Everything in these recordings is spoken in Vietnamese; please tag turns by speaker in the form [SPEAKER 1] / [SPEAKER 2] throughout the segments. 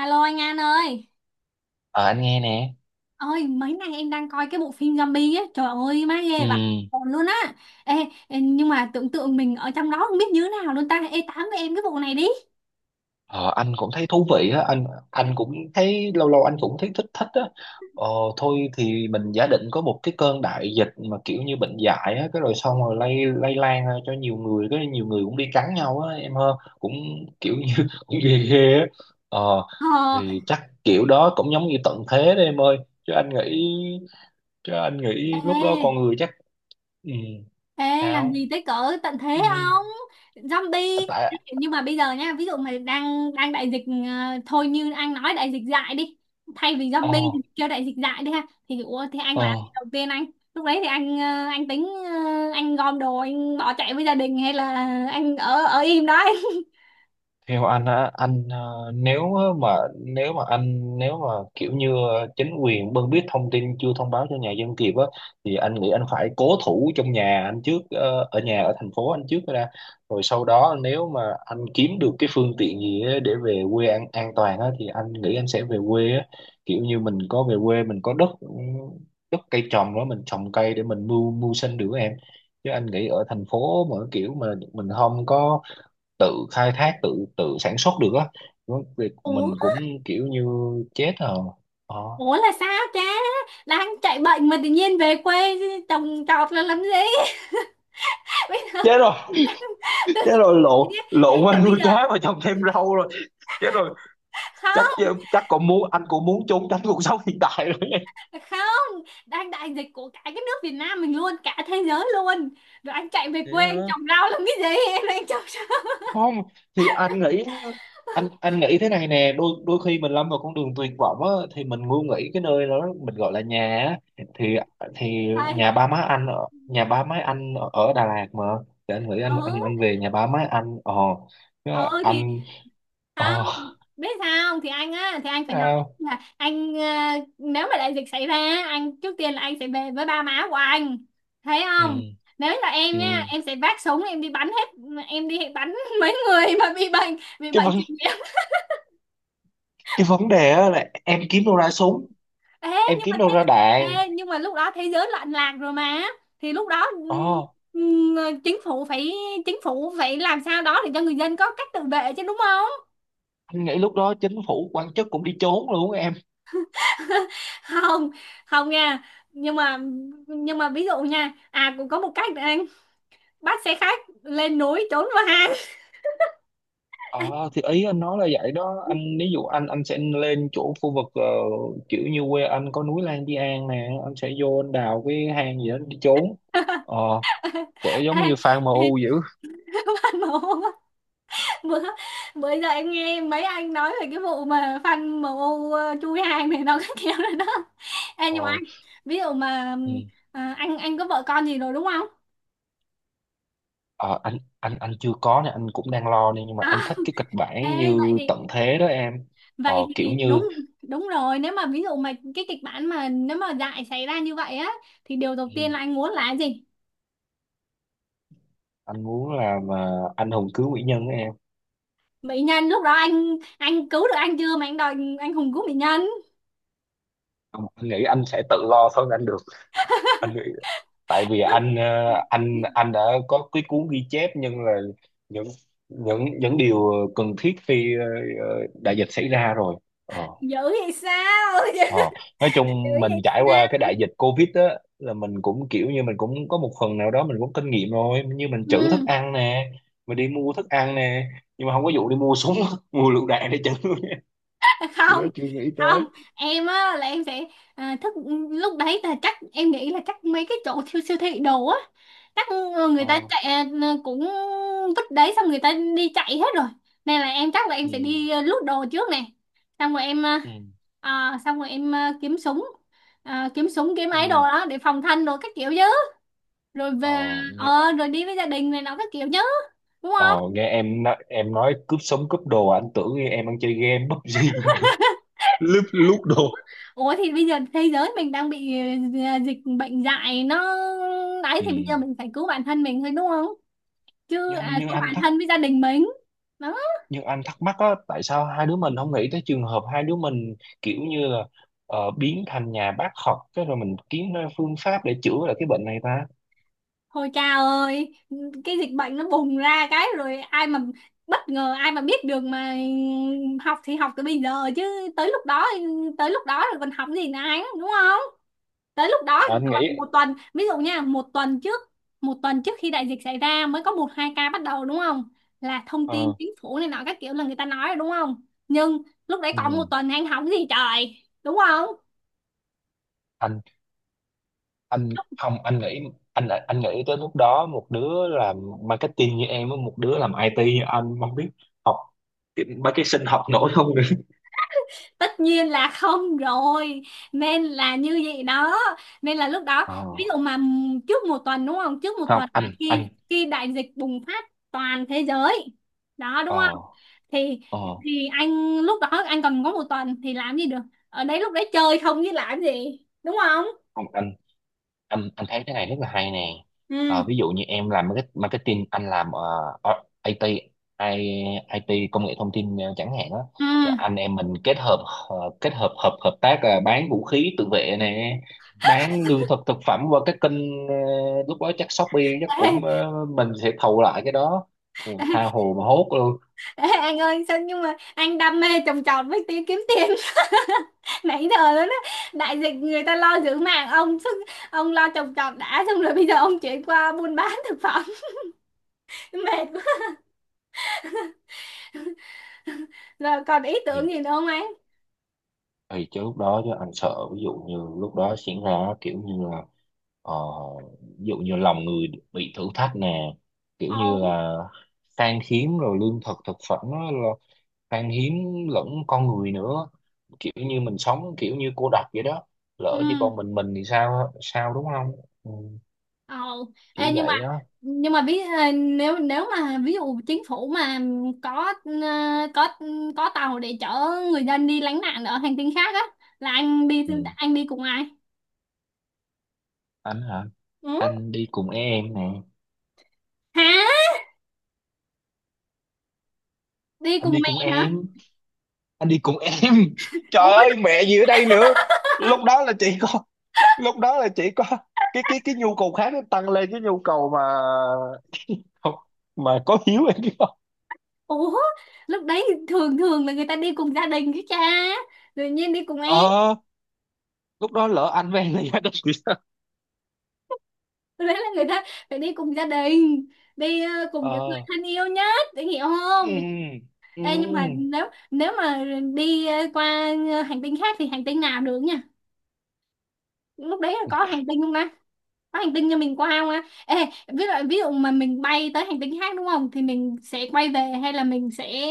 [SPEAKER 1] Alo anh An ơi.
[SPEAKER 2] Ờ, anh nghe nè.
[SPEAKER 1] Ôi, mấy nay em đang coi cái bộ phim zombie ấy. Trời ơi má
[SPEAKER 2] Ừ.
[SPEAKER 1] ghê vậy. Còn luôn á. Ê, ê, nhưng mà tưởng tượng mình ở trong đó không biết như thế nào luôn ta. Ê, tám với em cái bộ này đi.
[SPEAKER 2] Ờ, anh cũng thấy thú vị á. Anh cũng thấy lâu lâu anh cũng thấy thích thích á. Ờ, Thôi thì mình giả định có một cái cơn đại dịch mà kiểu như bệnh dại á, cái rồi xong rồi lây lây lan ra cho nhiều người, cái nhiều người cũng đi cắn nhau á em hơn, cũng kiểu như cũng ghê ghê á. Ờ,
[SPEAKER 1] Ờ.
[SPEAKER 2] thì chắc kiểu đó cũng giống như tận thế đấy em ơi. Chứ anh nghĩ chứ anh nghĩ lúc đó con
[SPEAKER 1] Ê.
[SPEAKER 2] người chắc ừ,
[SPEAKER 1] Ê, làm
[SPEAKER 2] sao?
[SPEAKER 1] gì tới cỡ tận thế
[SPEAKER 2] Ừ.
[SPEAKER 1] không? Zombie.
[SPEAKER 2] Tại
[SPEAKER 1] Nhưng mà bây giờ nha, ví dụ mà đang đang đại dịch, thôi như anh nói đại dịch dại đi. Thay vì zombie
[SPEAKER 2] ờ
[SPEAKER 1] thì kêu đại dịch dại đi ha. Thì ủa, thì anh làm
[SPEAKER 2] ờ
[SPEAKER 1] gì đầu tiên anh? Lúc đấy thì anh tính, anh gom đồ anh bỏ chạy với gia đình hay là anh ở ở im đó anh?
[SPEAKER 2] theo anh á, nếu mà kiểu như chính quyền biết thông tin chưa thông báo cho nhà dân kịp á, thì anh nghĩ anh phải cố thủ trong nhà anh trước, ở nhà ở thành phố anh trước ra, rồi sau đó nếu mà anh kiếm được cái phương tiện gì á để về quê an toàn á thì anh nghĩ anh sẽ về quê á. Kiểu như mình có về quê mình có đất, ừ, đất cây trồng đó mình trồng cây để mình mưu mưu sinh được á em. Chứ anh nghĩ ở thành phố mà kiểu mà mình không có tự khai thác, tự tự sản xuất được á. Việc
[SPEAKER 1] Ủa,
[SPEAKER 2] mình cũng kiểu như chết rồi. ờ
[SPEAKER 1] ủa, là sao cha? Đang chạy bệnh mà tự nhiên về quê trồng trọt là làm gì? Bây giờ
[SPEAKER 2] chết rồi
[SPEAKER 1] tự
[SPEAKER 2] chết
[SPEAKER 1] nhiên-
[SPEAKER 2] rồi
[SPEAKER 1] tự
[SPEAKER 2] lộn,
[SPEAKER 1] nhiên- ý là
[SPEAKER 2] qua
[SPEAKER 1] bây
[SPEAKER 2] nuôi
[SPEAKER 1] giờ
[SPEAKER 2] cá và trồng thêm rau rồi. Chết rồi. chắc
[SPEAKER 1] không
[SPEAKER 2] chắc còn muốn, anh cũng muốn trốn tránh cuộc sống hiện tại rồi.
[SPEAKER 1] không đang đại dịch của cả cái nước Việt Nam mình luôn, cả thế giới luôn. Rồi anh chạy về
[SPEAKER 2] Thế
[SPEAKER 1] quê anh
[SPEAKER 2] á.
[SPEAKER 1] trồng rau làm cái gì, em đang trồng rau.
[SPEAKER 2] Không, thì anh nghĩ, anh nghĩ thế này nè, đôi đôi khi mình lâm vào con đường tuyệt vọng á, thì mình ngu nghĩ cái nơi đó mình gọi là nhà á. Thì thì
[SPEAKER 1] Thầy,
[SPEAKER 2] nhà ba má anh ở ở Đà Lạt mà, thì anh nghĩ
[SPEAKER 1] ừ,
[SPEAKER 2] anh về nhà ba má anh. Ờ Chứ
[SPEAKER 1] ừ thì
[SPEAKER 2] anh
[SPEAKER 1] không
[SPEAKER 2] ờ
[SPEAKER 1] biết sao không? Thì anh á, thì anh phải nói
[SPEAKER 2] sao.
[SPEAKER 1] là nếu mà đại dịch xảy ra, anh trước tiên là anh sẽ về với ba má của anh, thấy
[SPEAKER 2] Ừ,
[SPEAKER 1] không? Nếu là em
[SPEAKER 2] ừ.
[SPEAKER 1] nha, em sẽ vác súng em đi bắn hết, em đi bắn mấy người mà bị bệnh, bị
[SPEAKER 2] cái
[SPEAKER 1] bệnh.
[SPEAKER 2] vấn cái vấn đề á là em kiếm đâu ra súng,
[SPEAKER 1] Ê,
[SPEAKER 2] em
[SPEAKER 1] nhưng mà
[SPEAKER 2] kiếm đâu
[SPEAKER 1] thế,
[SPEAKER 2] ra đạn.
[SPEAKER 1] ê, nhưng mà lúc đó thế giới loạn lạc rồi mà, thì lúc đó,
[SPEAKER 2] ờ
[SPEAKER 1] ừm, chính phủ phải chính phủ phải làm sao đó để cho người dân có cách tự vệ chứ, đúng không?
[SPEAKER 2] anh nghĩ lúc đó chính phủ quan chức cũng đi trốn luôn em.
[SPEAKER 1] Không, không nha. Nhưng mà nhưng mà ví dụ nha, à cũng có một cách này anh: bắt xe khách lên núi trốn vào hang.
[SPEAKER 2] Ờ thì ý anh nói là vậy đó anh, ví dụ anh sẽ lên chỗ khu vực, kiểu như quê anh có núi Lan Di An nè, anh sẽ vô anh đào cái hang gì đó để trốn. ờ Kể giống
[SPEAKER 1] ê,
[SPEAKER 2] như fan
[SPEAKER 1] ê,
[SPEAKER 2] MU dữ.
[SPEAKER 1] phát nổ. Bữa bữa giờ em nghe mấy anh nói về cái vụ mà fan MU chui hàng này nó cái kiểu này đó. Ê, nhưng mà
[SPEAKER 2] Ờ,
[SPEAKER 1] anh, ví dụ mà,
[SPEAKER 2] ừ.
[SPEAKER 1] anh có vợ con gì rồi đúng không?
[SPEAKER 2] Anh chưa có nè, anh cũng đang lo nè, nhưng mà
[SPEAKER 1] à
[SPEAKER 2] anh thích cái kịch
[SPEAKER 1] ê,
[SPEAKER 2] bản
[SPEAKER 1] vậy
[SPEAKER 2] như
[SPEAKER 1] thì
[SPEAKER 2] tận thế đó em.
[SPEAKER 1] vậy
[SPEAKER 2] Kiểu
[SPEAKER 1] thì
[SPEAKER 2] như,
[SPEAKER 1] đúng đúng rồi. Nếu mà ví dụ mà cái kịch bản mà nếu mà dại xảy ra như vậy á, thì điều đầu
[SPEAKER 2] ừ,
[SPEAKER 1] tiên là anh muốn là cái gì?
[SPEAKER 2] anh muốn làm mà anh hùng cứu mỹ nhân đó em.
[SPEAKER 1] Mỹ nhân lúc đó anh cứu được anh chưa mà anh đòi anh hùng cứu mỹ nhân.
[SPEAKER 2] Anh nghĩ anh sẽ tự lo thôi anh được. Anh nghĩ tại vì
[SPEAKER 1] Lúc
[SPEAKER 2] anh, anh đã có cái cuốn ghi chép, nhưng là những những điều cần thiết khi, đại dịch xảy ra rồi. ờ
[SPEAKER 1] dữ vậy sao?
[SPEAKER 2] ờ nói
[SPEAKER 1] Dữ
[SPEAKER 2] chung mình
[SPEAKER 1] vậy
[SPEAKER 2] trải qua cái
[SPEAKER 1] sao?
[SPEAKER 2] đại dịch Covid á, là mình cũng kiểu như mình cũng có một phần nào đó mình cũng kinh nghiệm rồi, như mình
[SPEAKER 1] Ừ.
[SPEAKER 2] trữ thức ăn nè, mình đi mua thức ăn nè, nhưng mà không có vụ đi mua súng mua lựu đạn để trữ. Cái đó
[SPEAKER 1] Không,
[SPEAKER 2] chưa nghĩ tới.
[SPEAKER 1] không, em á là em sẽ, à, thức lúc đấy là chắc em nghĩ là chắc mấy cái chỗ siêu siêu thị đồ á chắc, người ta
[SPEAKER 2] ờ
[SPEAKER 1] chạy, cũng vứt đấy xong người ta đi chạy hết rồi. Nên là em chắc là em
[SPEAKER 2] ừ
[SPEAKER 1] sẽ đi, lút đồ trước nè. Xong rồi em à,
[SPEAKER 2] ừ
[SPEAKER 1] à, xong rồi em à, kiếm súng, kiếm súng kiếm ấy đồ
[SPEAKER 2] ừ
[SPEAKER 1] đó để phòng thân đồ các kiểu chứ. Rồi
[SPEAKER 2] ờ
[SPEAKER 1] về, rồi đi với gia đình này nó các kiểu chứ, đúng
[SPEAKER 2] Ờ,
[SPEAKER 1] không?
[SPEAKER 2] nghe em nói cướp sống cướp đồ, à, anh tưởng em đang chơi game PUBG. lúc Lúc đồ.
[SPEAKER 1] Ủa thì bây giờ thế giới mình đang bị, dịch bệnh dại nó đấy,
[SPEAKER 2] Ừ.
[SPEAKER 1] thì bây giờ mình phải cứu bản thân mình thôi, đúng không? Chứ,
[SPEAKER 2] nhưng nhưng
[SPEAKER 1] cứu
[SPEAKER 2] anh
[SPEAKER 1] bản
[SPEAKER 2] thắc
[SPEAKER 1] thân với gia đình mình. Đó.
[SPEAKER 2] nhưng anh thắc mắc á, tại sao hai đứa mình không nghĩ tới trường hợp hai đứa mình kiểu như là, biến thành nhà bác học, cái rồi mình kiếm ra phương pháp để chữa lại cái bệnh này ta.
[SPEAKER 1] Hồi cha ơi, cái dịch bệnh nó bùng ra cái rồi ai mà bất ngờ, ai mà biết được mà học, thì học từ bây giờ chứ, tới lúc đó tới lúc đó rồi còn học gì nữa anh, đúng không? Tới lúc đó
[SPEAKER 2] Anh nghĩ,
[SPEAKER 1] còn một tuần, ví dụ nha, một tuần trước khi đại dịch xảy ra mới có một hai ca bắt đầu, đúng không? Là thông tin
[SPEAKER 2] ờ,
[SPEAKER 1] chính phủ này nọ các kiểu là người ta nói rồi, đúng không? Nhưng lúc đấy còn một
[SPEAKER 2] ừ.
[SPEAKER 1] tuần anh hóng gì trời, đúng không?
[SPEAKER 2] anh anh Không anh nghĩ, anh nghĩ tới lúc đó, một đứa làm marketing như em với một đứa làm IT như anh, không biết học cái- mấy cái sinh học nổi không nữa.
[SPEAKER 1] Tất nhiên là không rồi. Nên là như vậy đó. Nên là lúc đó,
[SPEAKER 2] Ờ.
[SPEAKER 1] ví dụ mà, trước một tuần, đúng không, trước một
[SPEAKER 2] không
[SPEAKER 1] tuần là
[SPEAKER 2] anh anh
[SPEAKER 1] khi khi đại dịch bùng phát toàn thế giới đó, đúng không?
[SPEAKER 2] ờ
[SPEAKER 1] thì
[SPEAKER 2] ờ
[SPEAKER 1] thì anh lúc đó anh còn có một tuần thì làm gì được, ở đấy lúc đấy chơi không chứ làm gì, đúng không?
[SPEAKER 2] Không, anh thấy cái này rất là hay nè.
[SPEAKER 1] Ừ,
[SPEAKER 2] Ờ, ví dụ như em làm marketing, anh làm, ờ, ờ, IT I, IT công nghệ thông tin, chẳng hạn á.
[SPEAKER 1] ừ.
[SPEAKER 2] Thì anh em mình kết hợp, kết hợp, hợp hợp tác là bán vũ khí tự vệ nè, bán lương thực thực phẩm qua các kênh, lúc đó chắc Shopee chắc cũng, ờ, mình sẽ thầu lại cái đó. Ồ, tha hồ mà hốt luôn.
[SPEAKER 1] Ê, anh ơi sao nhưng mà anh đam mê trồng trọt với tí kiếm tiền, nãy giờ đó đó, đại dịch người ta lo giữ mạng ông sức, ông lo trồng trọt đã, xong rồi bây giờ ông chuyển qua buôn bán thực phẩm. Mệt quá. Rồi còn ý tưởng gì nữa không anh?
[SPEAKER 2] Thì chứ lúc đó chứ anh sợ, ví dụ như lúc đó diễn ra kiểu như là, ờ, ví dụ như lòng người bị thử thách nè, kiểu như
[SPEAKER 1] Ồ.
[SPEAKER 2] là khan hiếm rồi, lương thực thực phẩm nó là khan hiếm, lẫn con người nữa, kiểu như mình sống kiểu như cô độc vậy đó,
[SPEAKER 1] Ừ.
[SPEAKER 2] lỡ chỉ còn mình thì sao sao, đúng không. Ừ,
[SPEAKER 1] Ồ.
[SPEAKER 2] kiểu
[SPEAKER 1] Ê, nhưng mà
[SPEAKER 2] vậy đó.
[SPEAKER 1] nhưng mà nếu nếu mà ví dụ chính phủ mà có ờ, có tàu để chở người dân đi lánh nạn ở hành tinh khác á, là anh đi.
[SPEAKER 2] Ừ.
[SPEAKER 1] Anh đi cùng ai?
[SPEAKER 2] Anh hả?
[SPEAKER 1] Ừ.
[SPEAKER 2] Anh đi cùng em nè.
[SPEAKER 1] Hả? Đi
[SPEAKER 2] Anh
[SPEAKER 1] cùng
[SPEAKER 2] đi
[SPEAKER 1] mẹ.
[SPEAKER 2] cùng
[SPEAKER 1] Hả?
[SPEAKER 2] em. Anh đi cùng em.
[SPEAKER 1] Ủa
[SPEAKER 2] lúc lúc đó, cái mà có Hiếu em biết không.
[SPEAKER 1] ủa lúc đấy thường thường là người ta đi cùng gia đình cái cha, tự nhiên đi cùng em.
[SPEAKER 2] ờ Lúc đó lỡ anh với em là gia đình thì sao.
[SPEAKER 1] Lúc đấy là người ta phải đi cùng gia đình, đi, cùng những người
[SPEAKER 2] ờ
[SPEAKER 1] thân yêu nhất để, hiểu
[SPEAKER 2] ừ,
[SPEAKER 1] không?
[SPEAKER 2] ừ.
[SPEAKER 1] Ê, nhưng mà nếu nếu mà đi, qua, hành tinh khác, thì hành tinh nào được nha? Lúc đấy là có hành tinh không ta, có hành tinh cho mình qua không á? Ê, ví dụ mà mình bay tới hành tinh khác, đúng không? Thì mình sẽ quay về hay là mình sẽ,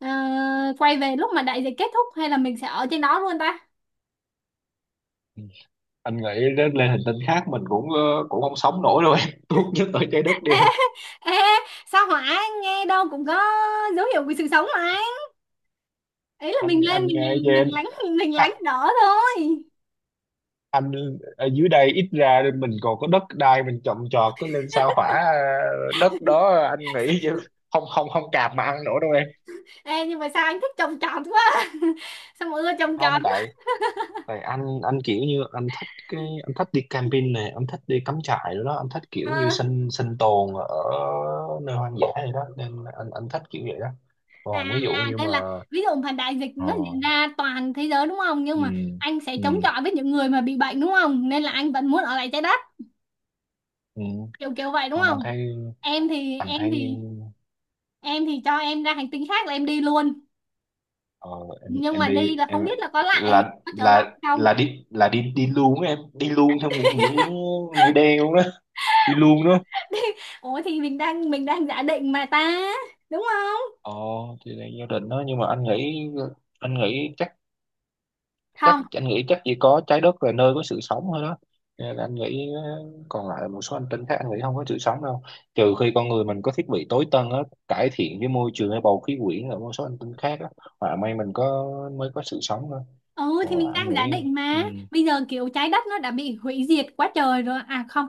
[SPEAKER 1] quay về lúc mà đại dịch kết thúc, hay là mình sẽ ở trên đó luôn ta?
[SPEAKER 2] Anh nghĩ đến lên hành tinh khác mình cũng, cũng không sống nổi đâu em. Tốt nhất ở trái đất đi
[SPEAKER 1] Ê,
[SPEAKER 2] em.
[SPEAKER 1] ê, sao hỏa nghe đâu cũng có dấu hiệu của sự sống mà, anh ý là mình
[SPEAKER 2] anh
[SPEAKER 1] lên
[SPEAKER 2] anh nghe cho
[SPEAKER 1] mình
[SPEAKER 2] em.
[SPEAKER 1] mình lánh mình
[SPEAKER 2] À,
[SPEAKER 1] lánh đỡ thôi.
[SPEAKER 2] anh ở dưới đây ít ra mình còn có đất đai mình trồng trọt, cứ lên sao hỏa, đất đó anh nghĩ chứ không không không cạp mà ăn nổi đâu em.
[SPEAKER 1] Ê, nhưng mà sao anh thích trồng trọt quá? Sao mà ưa trồng trọt?
[SPEAKER 2] Không tại, tại anh kiểu như anh thích cái, anh thích đi camping này, anh thích đi cắm trại rồi đó, anh thích
[SPEAKER 1] à,
[SPEAKER 2] kiểu như sinh sinh tồn ở nơi hoang dã này đó, nên anh thích kiểu vậy đó.
[SPEAKER 1] à
[SPEAKER 2] Còn ví dụ như
[SPEAKER 1] Nên
[SPEAKER 2] mà,
[SPEAKER 1] là ví dụ mà đại dịch
[SPEAKER 2] ờ
[SPEAKER 1] nó diễn ra toàn thế giới, đúng không, nhưng
[SPEAKER 2] ừ
[SPEAKER 1] mà anh sẽ
[SPEAKER 2] ừ
[SPEAKER 1] chống chọi với những người mà bị bệnh, đúng không, nên là anh vẫn muốn ở lại trái đất,
[SPEAKER 2] ừ
[SPEAKER 1] kiểu kiểu vậy đúng
[SPEAKER 2] không anh
[SPEAKER 1] không?
[SPEAKER 2] thấy,
[SPEAKER 1] em thì
[SPEAKER 2] anh
[SPEAKER 1] em
[SPEAKER 2] thấy,
[SPEAKER 1] thì em thì cho em ra hành tinh khác là em đi luôn.
[SPEAKER 2] ờ
[SPEAKER 1] Nhưng
[SPEAKER 2] em
[SPEAKER 1] mà
[SPEAKER 2] đi
[SPEAKER 1] đi là không
[SPEAKER 2] em,
[SPEAKER 1] biết là có trở lại không.
[SPEAKER 2] là đi đi luôn á em, đi luôn theo nghĩa, nghĩa đen luôn đó, đi luôn đó.
[SPEAKER 1] Ủa thì mình đang giả định mà ta, đúng không?
[SPEAKER 2] Ờ thì là gia đình đó, nhưng mà anh nghĩ, anh nghĩ chắc chắc
[SPEAKER 1] Không.
[SPEAKER 2] anh nghĩ chắc chỉ có trái đất là nơi có sự sống thôi đó. Cho nên là anh nghĩ, còn lại một số hành tinh khác anh nghĩ không có sự sống đâu, trừ khi con người mình có thiết bị tối tân á, cải thiện cái môi trường hay bầu khí quyển ở một số hành tinh khác á, hoặc may mình có, mới có sự sống thôi.
[SPEAKER 1] Ừ, thì
[SPEAKER 2] Còn
[SPEAKER 1] mình
[SPEAKER 2] lại
[SPEAKER 1] đang
[SPEAKER 2] anh
[SPEAKER 1] giả
[SPEAKER 2] nghĩ,
[SPEAKER 1] định
[SPEAKER 2] ừ.
[SPEAKER 1] mà, bây giờ kiểu trái đất nó đã bị hủy diệt quá trời rồi. À không,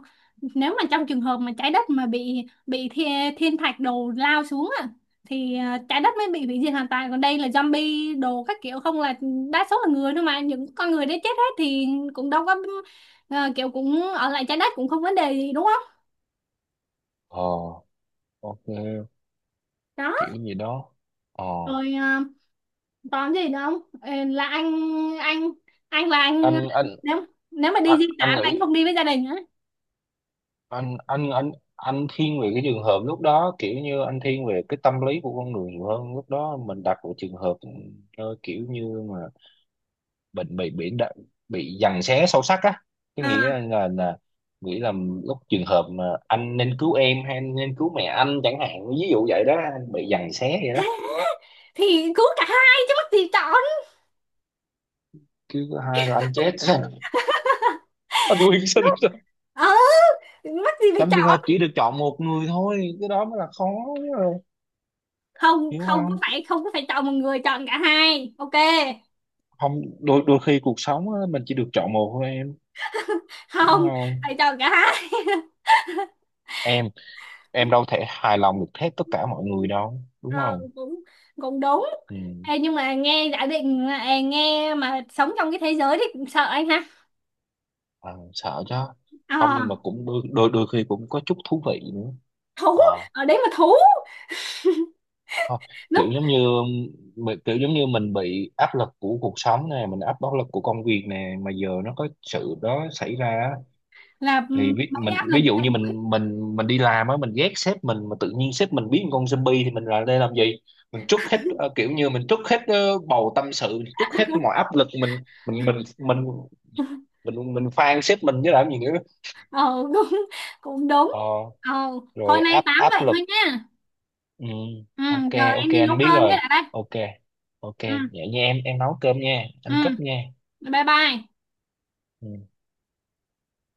[SPEAKER 1] nếu mà trong trường hợp mà trái đất mà bị thiên thạch đồ lao xuống á, thì, trái đất mới bị hủy diệt hoàn toàn. Còn đây là zombie đồ các kiểu, không, là đa số là người thôi, mà những con người đấy chết hết thì cũng đâu có, kiểu cũng ở lại trái đất cũng không vấn đề gì, đúng không?
[SPEAKER 2] ờ ok,
[SPEAKER 1] Đó.
[SPEAKER 2] kiểu gì đó. ờ
[SPEAKER 1] Rồi, còn gì nữa không? Ờ, anh là anh,
[SPEAKER 2] anh anh
[SPEAKER 1] nếu nếu mà đi di tản
[SPEAKER 2] anh
[SPEAKER 1] là
[SPEAKER 2] nghĩ
[SPEAKER 1] anh không đi với gia đình á.
[SPEAKER 2] anh anh thiên về cái trường hợp lúc đó, kiểu như anh thiên về cái tâm lý của con người nhiều hơn. Lúc đó mình đặt vào trường hợp, kiểu như mà bệnh bị giằng xé sâu sắc á. Cái nghĩa là,
[SPEAKER 1] à,
[SPEAKER 2] nghĩ là lúc trường hợp mà anh nên cứu em hay anh nên cứu mẹ anh chẳng hạn, ví dụ vậy đó, anh bị giằng xé vậy đó.
[SPEAKER 1] Thì cứ cả hai chứ mắc gì chọn.
[SPEAKER 2] Cứ thứ hai là anh chết. Anh quyên sinh ra.
[SPEAKER 1] Ừ, mắc gì phải
[SPEAKER 2] Trong trường hợp
[SPEAKER 1] chọn.
[SPEAKER 2] chỉ được chọn một người thôi, cái đó mới là khó. Rồi,
[SPEAKER 1] Không,
[SPEAKER 2] hiểu
[SPEAKER 1] không có
[SPEAKER 2] không.
[SPEAKER 1] phải không có phải chọn một người, chọn cả hai. Ok.
[SPEAKER 2] Không, đôi đôi khi cuộc sống á, mình chỉ được chọn một thôi, đúng
[SPEAKER 1] Không,
[SPEAKER 2] không
[SPEAKER 1] phải chọn cả hai.
[SPEAKER 2] em. Em đâu thể hài lòng được hết tất cả mọi người đâu, đúng
[SPEAKER 1] Ờ,
[SPEAKER 2] không.
[SPEAKER 1] cũng cũng đúng.
[SPEAKER 2] Ừ.
[SPEAKER 1] Ê, nhưng mà nghe giả định là- ê, nghe mà sống trong cái thế giới thì cũng sợ anh ha.
[SPEAKER 2] Ờ, sợ chứ.
[SPEAKER 1] Ờ,
[SPEAKER 2] Không nhưng mà cũng đôi, đôi khi cũng có chút thú vị nữa.
[SPEAKER 1] thú,
[SPEAKER 2] ờ
[SPEAKER 1] ở đấy mà thú,
[SPEAKER 2] Thôi,
[SPEAKER 1] lúc
[SPEAKER 2] kiểu giống như kiểu giống như mình bị áp lực của cuộc sống nè, mình áp lực của công việc nè, mà giờ nó có sự đó xảy ra á,
[SPEAKER 1] là ừ,
[SPEAKER 2] thì
[SPEAKER 1] mấy
[SPEAKER 2] mình
[SPEAKER 1] cái áp lực
[SPEAKER 2] ví dụ
[SPEAKER 1] em.
[SPEAKER 2] như mình đi làm á, mình ghét sếp mình mà tự nhiên sếp mình biến con zombie thì mình lại đây làm gì. Mình trút hết, kiểu như mình trút hết, bầu tâm sự, mình trút hết mọi áp lực mình, mình phang sếp mình chứ làm gì nữa.
[SPEAKER 1] ờ cũng cũng đúng.
[SPEAKER 2] ờ,
[SPEAKER 1] ờ Thôi
[SPEAKER 2] Rồi
[SPEAKER 1] nay
[SPEAKER 2] áp
[SPEAKER 1] tám
[SPEAKER 2] áp
[SPEAKER 1] vậy
[SPEAKER 2] lực.
[SPEAKER 1] thôi nha.
[SPEAKER 2] Ừ,
[SPEAKER 1] Ừ,
[SPEAKER 2] ok.
[SPEAKER 1] giờ
[SPEAKER 2] Ok
[SPEAKER 1] em đi nấu
[SPEAKER 2] anh biết
[SPEAKER 1] cơm cái
[SPEAKER 2] rồi.
[SPEAKER 1] đã đây.
[SPEAKER 2] Ok. Ok
[SPEAKER 1] Ừ,
[SPEAKER 2] vậy nha em nấu cơm nha,
[SPEAKER 1] ừ,
[SPEAKER 2] anh cấp nha.
[SPEAKER 1] bye bye.
[SPEAKER 2] Ừ.